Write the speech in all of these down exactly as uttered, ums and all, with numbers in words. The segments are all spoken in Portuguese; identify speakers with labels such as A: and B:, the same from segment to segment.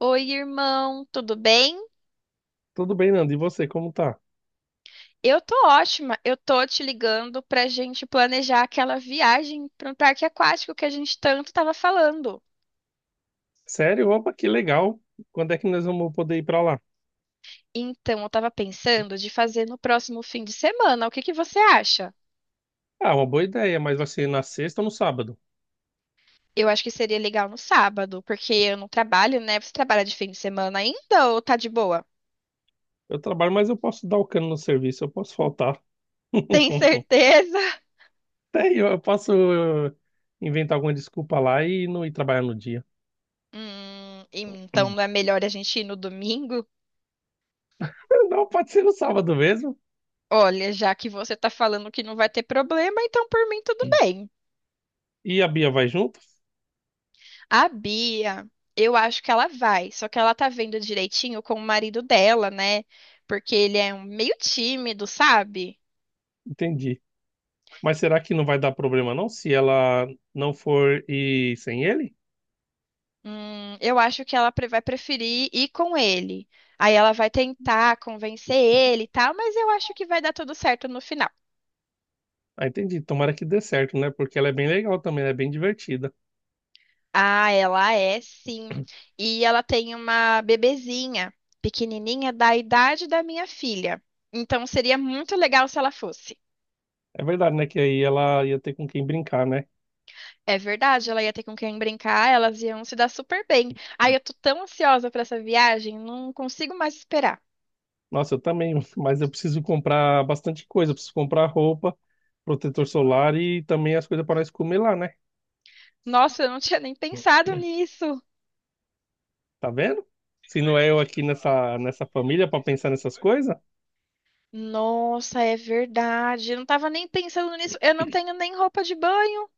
A: Oi, irmão, tudo bem?
B: Tudo bem, Nando? E você, como tá?
A: Eu tô ótima. Eu tô te ligando pra gente planejar aquela viagem para um parque aquático que a gente tanto tava falando.
B: Sério? Opa, que legal. Quando é que nós vamos poder ir pra lá?
A: Então, eu tava pensando de fazer no próximo fim de semana. O que que você acha?
B: Ah, uma boa ideia, mas vai ser na sexta ou no sábado?
A: Eu acho que seria legal no sábado, porque eu não trabalho, né? Você trabalha de fim de semana ainda ou tá de boa?
B: Eu trabalho, mas eu posso dar o cano no serviço, eu posso faltar.
A: Tem certeza?
B: Até eu, eu posso eh, inventar alguma desculpa lá e não ir trabalhar no dia.
A: Hum, então não é melhor a gente ir no domingo?
B: Não, pode ser no sábado mesmo.
A: Olha, já que você tá falando que não vai ter problema, então por mim tudo bem.
B: E a Bia vai junto?
A: A Bia, eu acho que ela vai, só que ela tá vendo direitinho com o marido dela, né? Porque ele é um meio tímido, sabe?
B: Entendi. Mas será que não vai dar problema não se ela não for ir sem ele?
A: Hum, eu acho que ela pre- vai preferir ir com ele. Aí ela vai tentar convencer ele e tal, mas eu acho que vai dar tudo certo no final.
B: Ah, entendi. Tomara que dê certo, né? Porque ela é bem legal também, ela é bem divertida.
A: Ah, ela é sim. E ela tem uma bebezinha, pequenininha, da idade da minha filha. Então seria muito legal se ela fosse.
B: É verdade, né? Que aí ela ia ter com quem brincar, né?
A: É verdade, ela ia ter com quem brincar, elas iam se dar super bem. Ai, eu tô tão ansiosa pra essa viagem, não consigo mais esperar.
B: Nossa, eu também, mas eu preciso comprar bastante coisa. Eu preciso comprar roupa, protetor solar e também as coisas para nós comer lá, né?
A: Nossa, eu não tinha nem pensado nisso.
B: Tá vendo? Se não é eu aqui nessa, nessa família para pensar nessas coisas,
A: Nossa, é verdade. Eu não tava nem pensando nisso. Eu não tenho nem roupa de banho.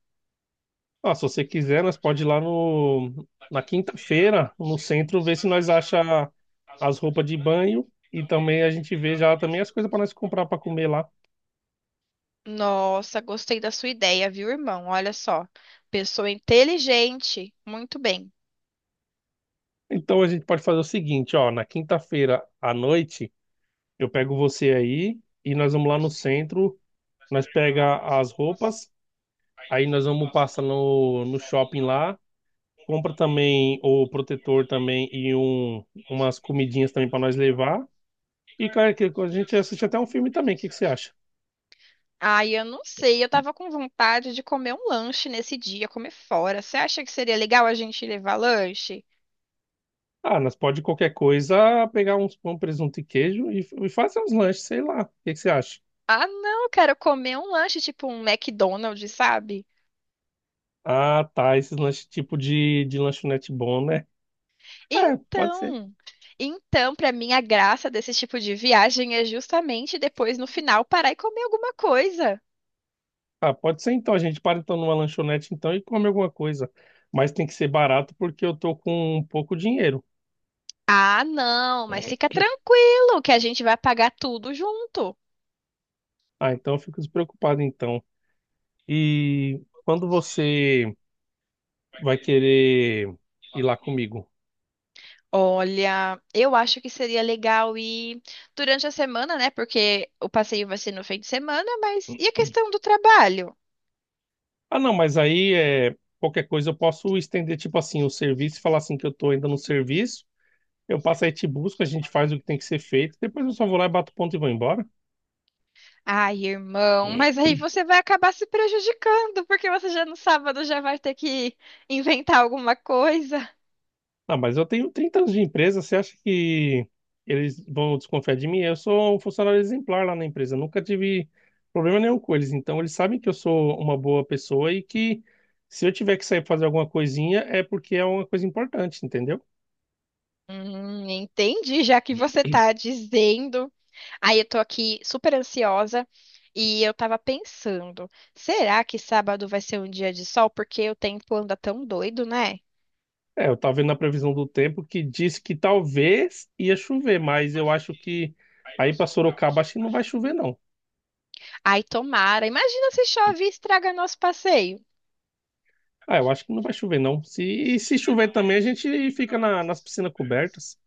B: ó, se você quiser, nós pode ir lá no, na quinta-feira, no centro, ver se nós acha as roupas de banho e também a gente vê já também as coisas para nós comprar para comer lá.
A: Nossa, gostei da sua ideia, viu, irmão? Olha só. Pessoa inteligente. Muito bem.
B: Então a gente pode fazer o seguinte, ó, na quinta-feira à noite. Eu pego você aí e nós vamos lá no centro. Nós pega as roupas, aí nós vamos passar no, no shopping lá. Compra também o protetor também e um, umas comidinhas também para nós levar. E cara, que a gente assiste até um filme também. O que que você acha?
A: Ai, eu não sei. Eu tava com vontade de comer um lanche nesse dia, comer fora. Você acha que seria legal a gente levar lanche?
B: Ah, nós pode qualquer coisa pegar uns pão, presunto e queijo e, e fazer uns lanches, sei lá. O que que você acha?
A: Ah, não, cara, comer um lanche tipo um McDonald's, sabe?
B: Ah, tá. Esses lanches tipo de, de lanchonete bom, né? É, pode ser.
A: Então, então, pra mim a graça desse tipo de viagem é justamente depois no final parar e comer alguma coisa.
B: Ah, pode ser então. A gente para então numa lanchonete então e come alguma coisa. Mas tem que ser barato porque eu tô com um pouco dinheiro.
A: Ah, não, mas fica tranquilo que a gente vai pagar tudo junto.
B: Ah, então eu fico despreocupado então. E quando você vai querer ir lá comigo?
A: Olha, eu acho que seria legal ir durante a semana, né? Porque o passeio vai ser no fim de semana, mas e a questão do trabalho?
B: Ah, não, mas aí é qualquer coisa eu posso estender tipo assim o serviço e falar assim que eu tô ainda no serviço. Eu passo aí te busco, a gente faz o que tem que ser feito. Depois eu só vou lá e bato ponto e vou embora.
A: Ai, irmão, mas aí você vai acabar se prejudicando, porque você já no sábado já vai ter que inventar alguma coisa.
B: Ah, mas eu tenho trinta anos de empresa, você acha que eles vão desconfiar de mim? Eu sou um funcionário exemplar lá na empresa, nunca tive problema nenhum com eles. Então, eles sabem que eu sou uma boa pessoa e que se eu tiver que sair fazer alguma coisinha é porque é uma coisa importante, entendeu?
A: Hum, entendi, já que você tá dizendo. Aí eu tô aqui super ansiosa e eu tava pensando, será que sábado vai ser um dia de sol? Porque o tempo anda tão doido, né?
B: É, eu tava vendo na previsão do tempo que disse que talvez ia chover, mas eu acho que aí para Sorocaba acho que não vai chover, não.
A: Ai, tomara. Imagina se chove e estraga nosso passeio.
B: Ah, eu acho que não vai chover, não. Se, e se chover também, a gente fica na- nas piscinas cobertas.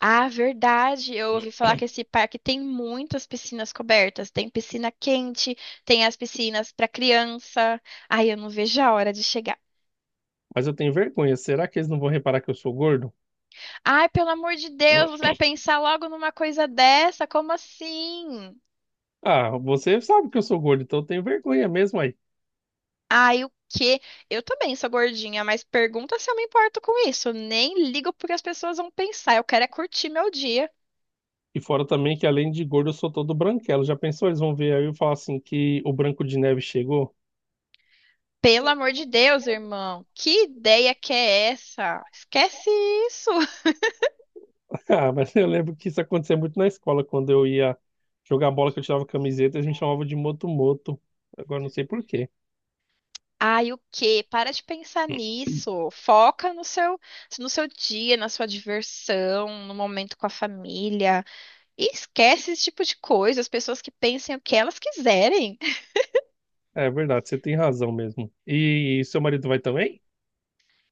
A: Ah, verdade. Eu ouvi falar que esse parque tem muitas piscinas cobertas. Tem piscina quente, tem as piscinas para criança. Ai, eu não vejo a hora de chegar.
B: Mas eu tenho vergonha. Será que eles não vão reparar que eu sou gordo?
A: Ai, pelo amor de Deus, você vai pensar logo numa coisa dessa? Como assim?
B: Ah, você sabe que eu sou gordo, então eu tenho vergonha mesmo aí.
A: Ai, o quê? Eu também sou gordinha, mas pergunta se eu me importo com isso. Nem ligo porque as pessoas vão pensar. Eu quero é curtir meu dia.
B: E fora também que além de gordo eu sou todo branquelo. Já pensou? Eles vão ver aí eu falar assim que o Branco de Neve chegou?
A: Pelo amor de Deus, irmão. Que ideia que é essa? Esquece isso.
B: Ah, mas eu lembro que isso acontecia muito na escola, quando eu ia jogar bola que eu tirava camiseta, eles me chamavam de Moto Moto. Agora não sei por quê.
A: Ai, o quê? Para de pensar nisso. Foca no seu, no seu dia, na sua diversão, no momento com a família. E esquece esse tipo de coisa, as pessoas que pensem o que elas quiserem.
B: É verdade, você tem razão mesmo. E seu marido vai também?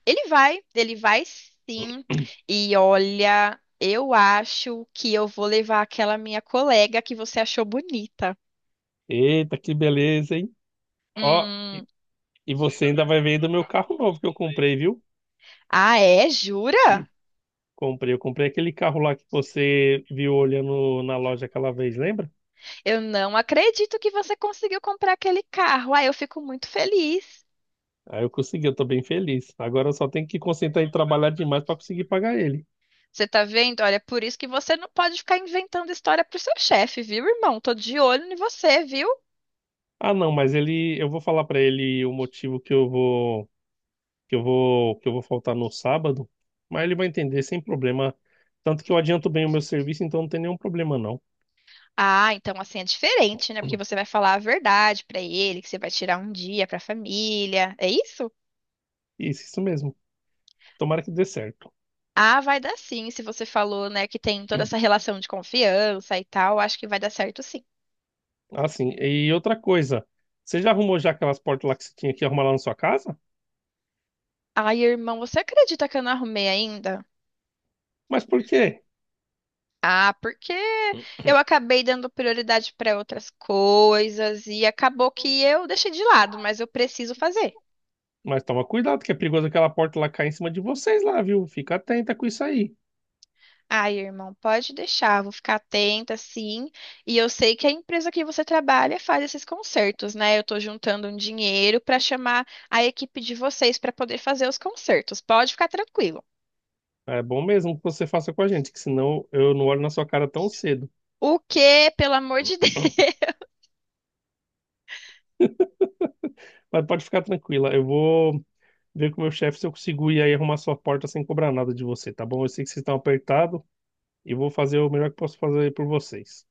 A: Ele vai, ele vai sim. E olha, eu acho que eu vou levar aquela minha colega que você achou bonita.
B: Eita, que beleza, hein? Ó, e
A: Hum,
B: e você ainda vai ver do meu carro novo que eu comprei, viu?
A: ah, é? Jura?
B: Comprei, eu comprei aquele carro lá que você viu olhando na loja aquela vez, lembra?
A: Eu não acredito que você conseguiu comprar aquele carro. Ah, eu fico muito feliz.
B: Aí eu consegui, eu tô bem feliz. Agora eu só tenho que concentrar em trabalhar demais para conseguir pagar ele.
A: Você tá vendo? Olha, é por isso que você não pode ficar inventando história pro seu chefe, viu, irmão? Tô de olho em você, viu?
B: Ah, não, mas ele, eu vou falar para ele o motivo que eu vou, que eu vou, que eu vou faltar no sábado, mas ele vai entender sem problema. Tanto que eu adianto bem o meu serviço, então não tem nenhum problema não.
A: Ah, então assim é diferente, né? Porque você vai falar a verdade pra ele, que você vai tirar um dia pra família. É isso?
B: Isso, isso mesmo. Tomara que dê certo.
A: Ah, vai dar sim, se você falou, né, que tem toda essa relação de confiança e tal, acho que vai dar certo sim.
B: Assim, e outra coisa, você já arrumou já aquelas portas lá que você tinha que arrumar lá na sua casa?
A: Ai, irmão, você acredita que eu não arrumei ainda?
B: Mas por quê?
A: Ah, porque eu acabei dando prioridade pra outras coisas e acabou que eu deixei de lado, mas eu preciso fazer.
B: Mas toma cuidado, que é perigoso aquela porta lá cair em cima de vocês lá, viu? Fica atenta com isso aí.
A: Ai, irmão, pode deixar, vou ficar atenta, sim. E eu sei que a empresa que você trabalha faz esses concertos, né? Eu tô juntando um dinheiro para chamar a equipe de vocês para poder fazer os concertos. Pode ficar tranquilo.
B: É bom mesmo que você faça com a gente, que senão eu não olho na sua cara tão cedo.
A: O quê? Pelo amor de Deus.
B: Mas pode ficar tranquila, eu vou ver com o meu chefe se eu consigo ir aí arrumar sua porta sem cobrar nada de você, tá bom? Eu sei que vocês estão apertados e vou fazer o melhor que posso fazer aí por vocês.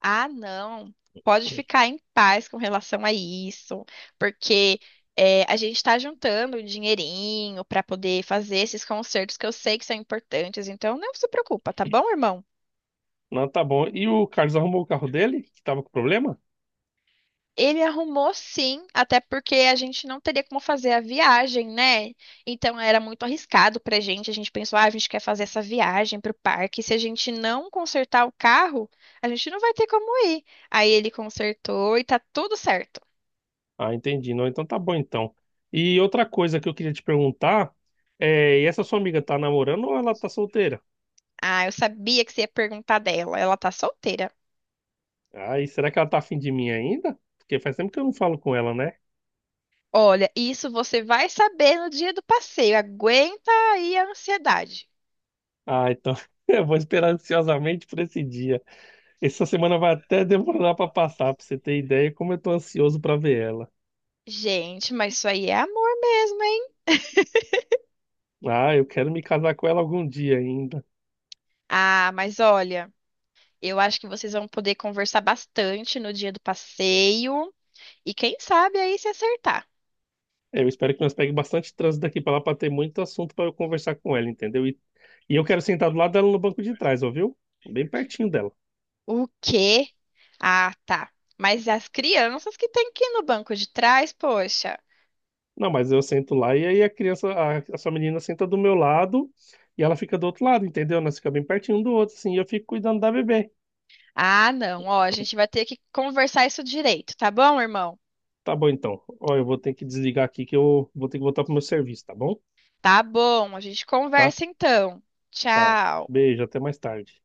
A: Ah, não. Pode ficar em paz com relação a isso, porque é, a gente está juntando um dinheirinho para poder fazer esses concertos que eu sei que são importantes. Então, não se preocupa, tá bom, irmão?
B: Não, tá bom. E o Carlos arrumou o carro dele, que tava com problema?
A: Ele arrumou sim, até porque a gente não teria como fazer a viagem, né? Então era muito arriscado pra gente. A gente pensou, ah, a gente quer fazer essa viagem pro parque. Se a gente não consertar o carro, a gente não vai ter como ir. Aí ele consertou e tá tudo certo.
B: Ah, entendi. Não, então tá bom então. E outra coisa que eu queria te perguntar é, e essa sua amiga tá namorando ou ela tá solteira?
A: Ah, eu sabia que você ia perguntar dela. Ela tá solteira.
B: Ai, será que ela tá afim de mim ainda? Porque faz tempo que eu não falo com ela, né?
A: Olha, isso você vai saber no dia do passeio. Aguenta aí a ansiedade.
B: Ah, então eu vou esperar ansiosamente por esse dia. Essa semana vai até demorar pra passar, pra você ter ideia como eu tô ansioso pra ver ela.
A: Gente, mas isso aí é amor mesmo, hein?
B: Ah, eu quero me casar com ela algum dia ainda.
A: Ah, mas olha. Eu acho que vocês vão poder conversar bastante no dia do passeio. E quem sabe aí se acertar.
B: Eu espero que nós pegue bastante trânsito daqui pra lá pra ter muito assunto pra eu conversar com ela, entendeu? E, e eu quero sentar do lado dela no banco de trás, ouviu? Bem pertinho dela.
A: O quê? Ah, tá. Mas as crianças que têm que ir no banco de trás, poxa.
B: Não, mas eu sento lá e aí a criança, a, a sua menina senta do meu lado e ela fica do outro lado, entendeu? Nós ficamos bem pertinho um do outro, assim, e eu fico cuidando da bebê.
A: Ah, não. Ó, a gente vai ter que conversar isso direito, tá bom, irmão?
B: Tá bom, então. Ó, eu vou ter que desligar aqui que eu vou ter que voltar pro meu serviço, tá bom?
A: Tá bom, a gente
B: Tá?
A: conversa então.
B: Tá.
A: Tchau.
B: Beijo, até mais tarde.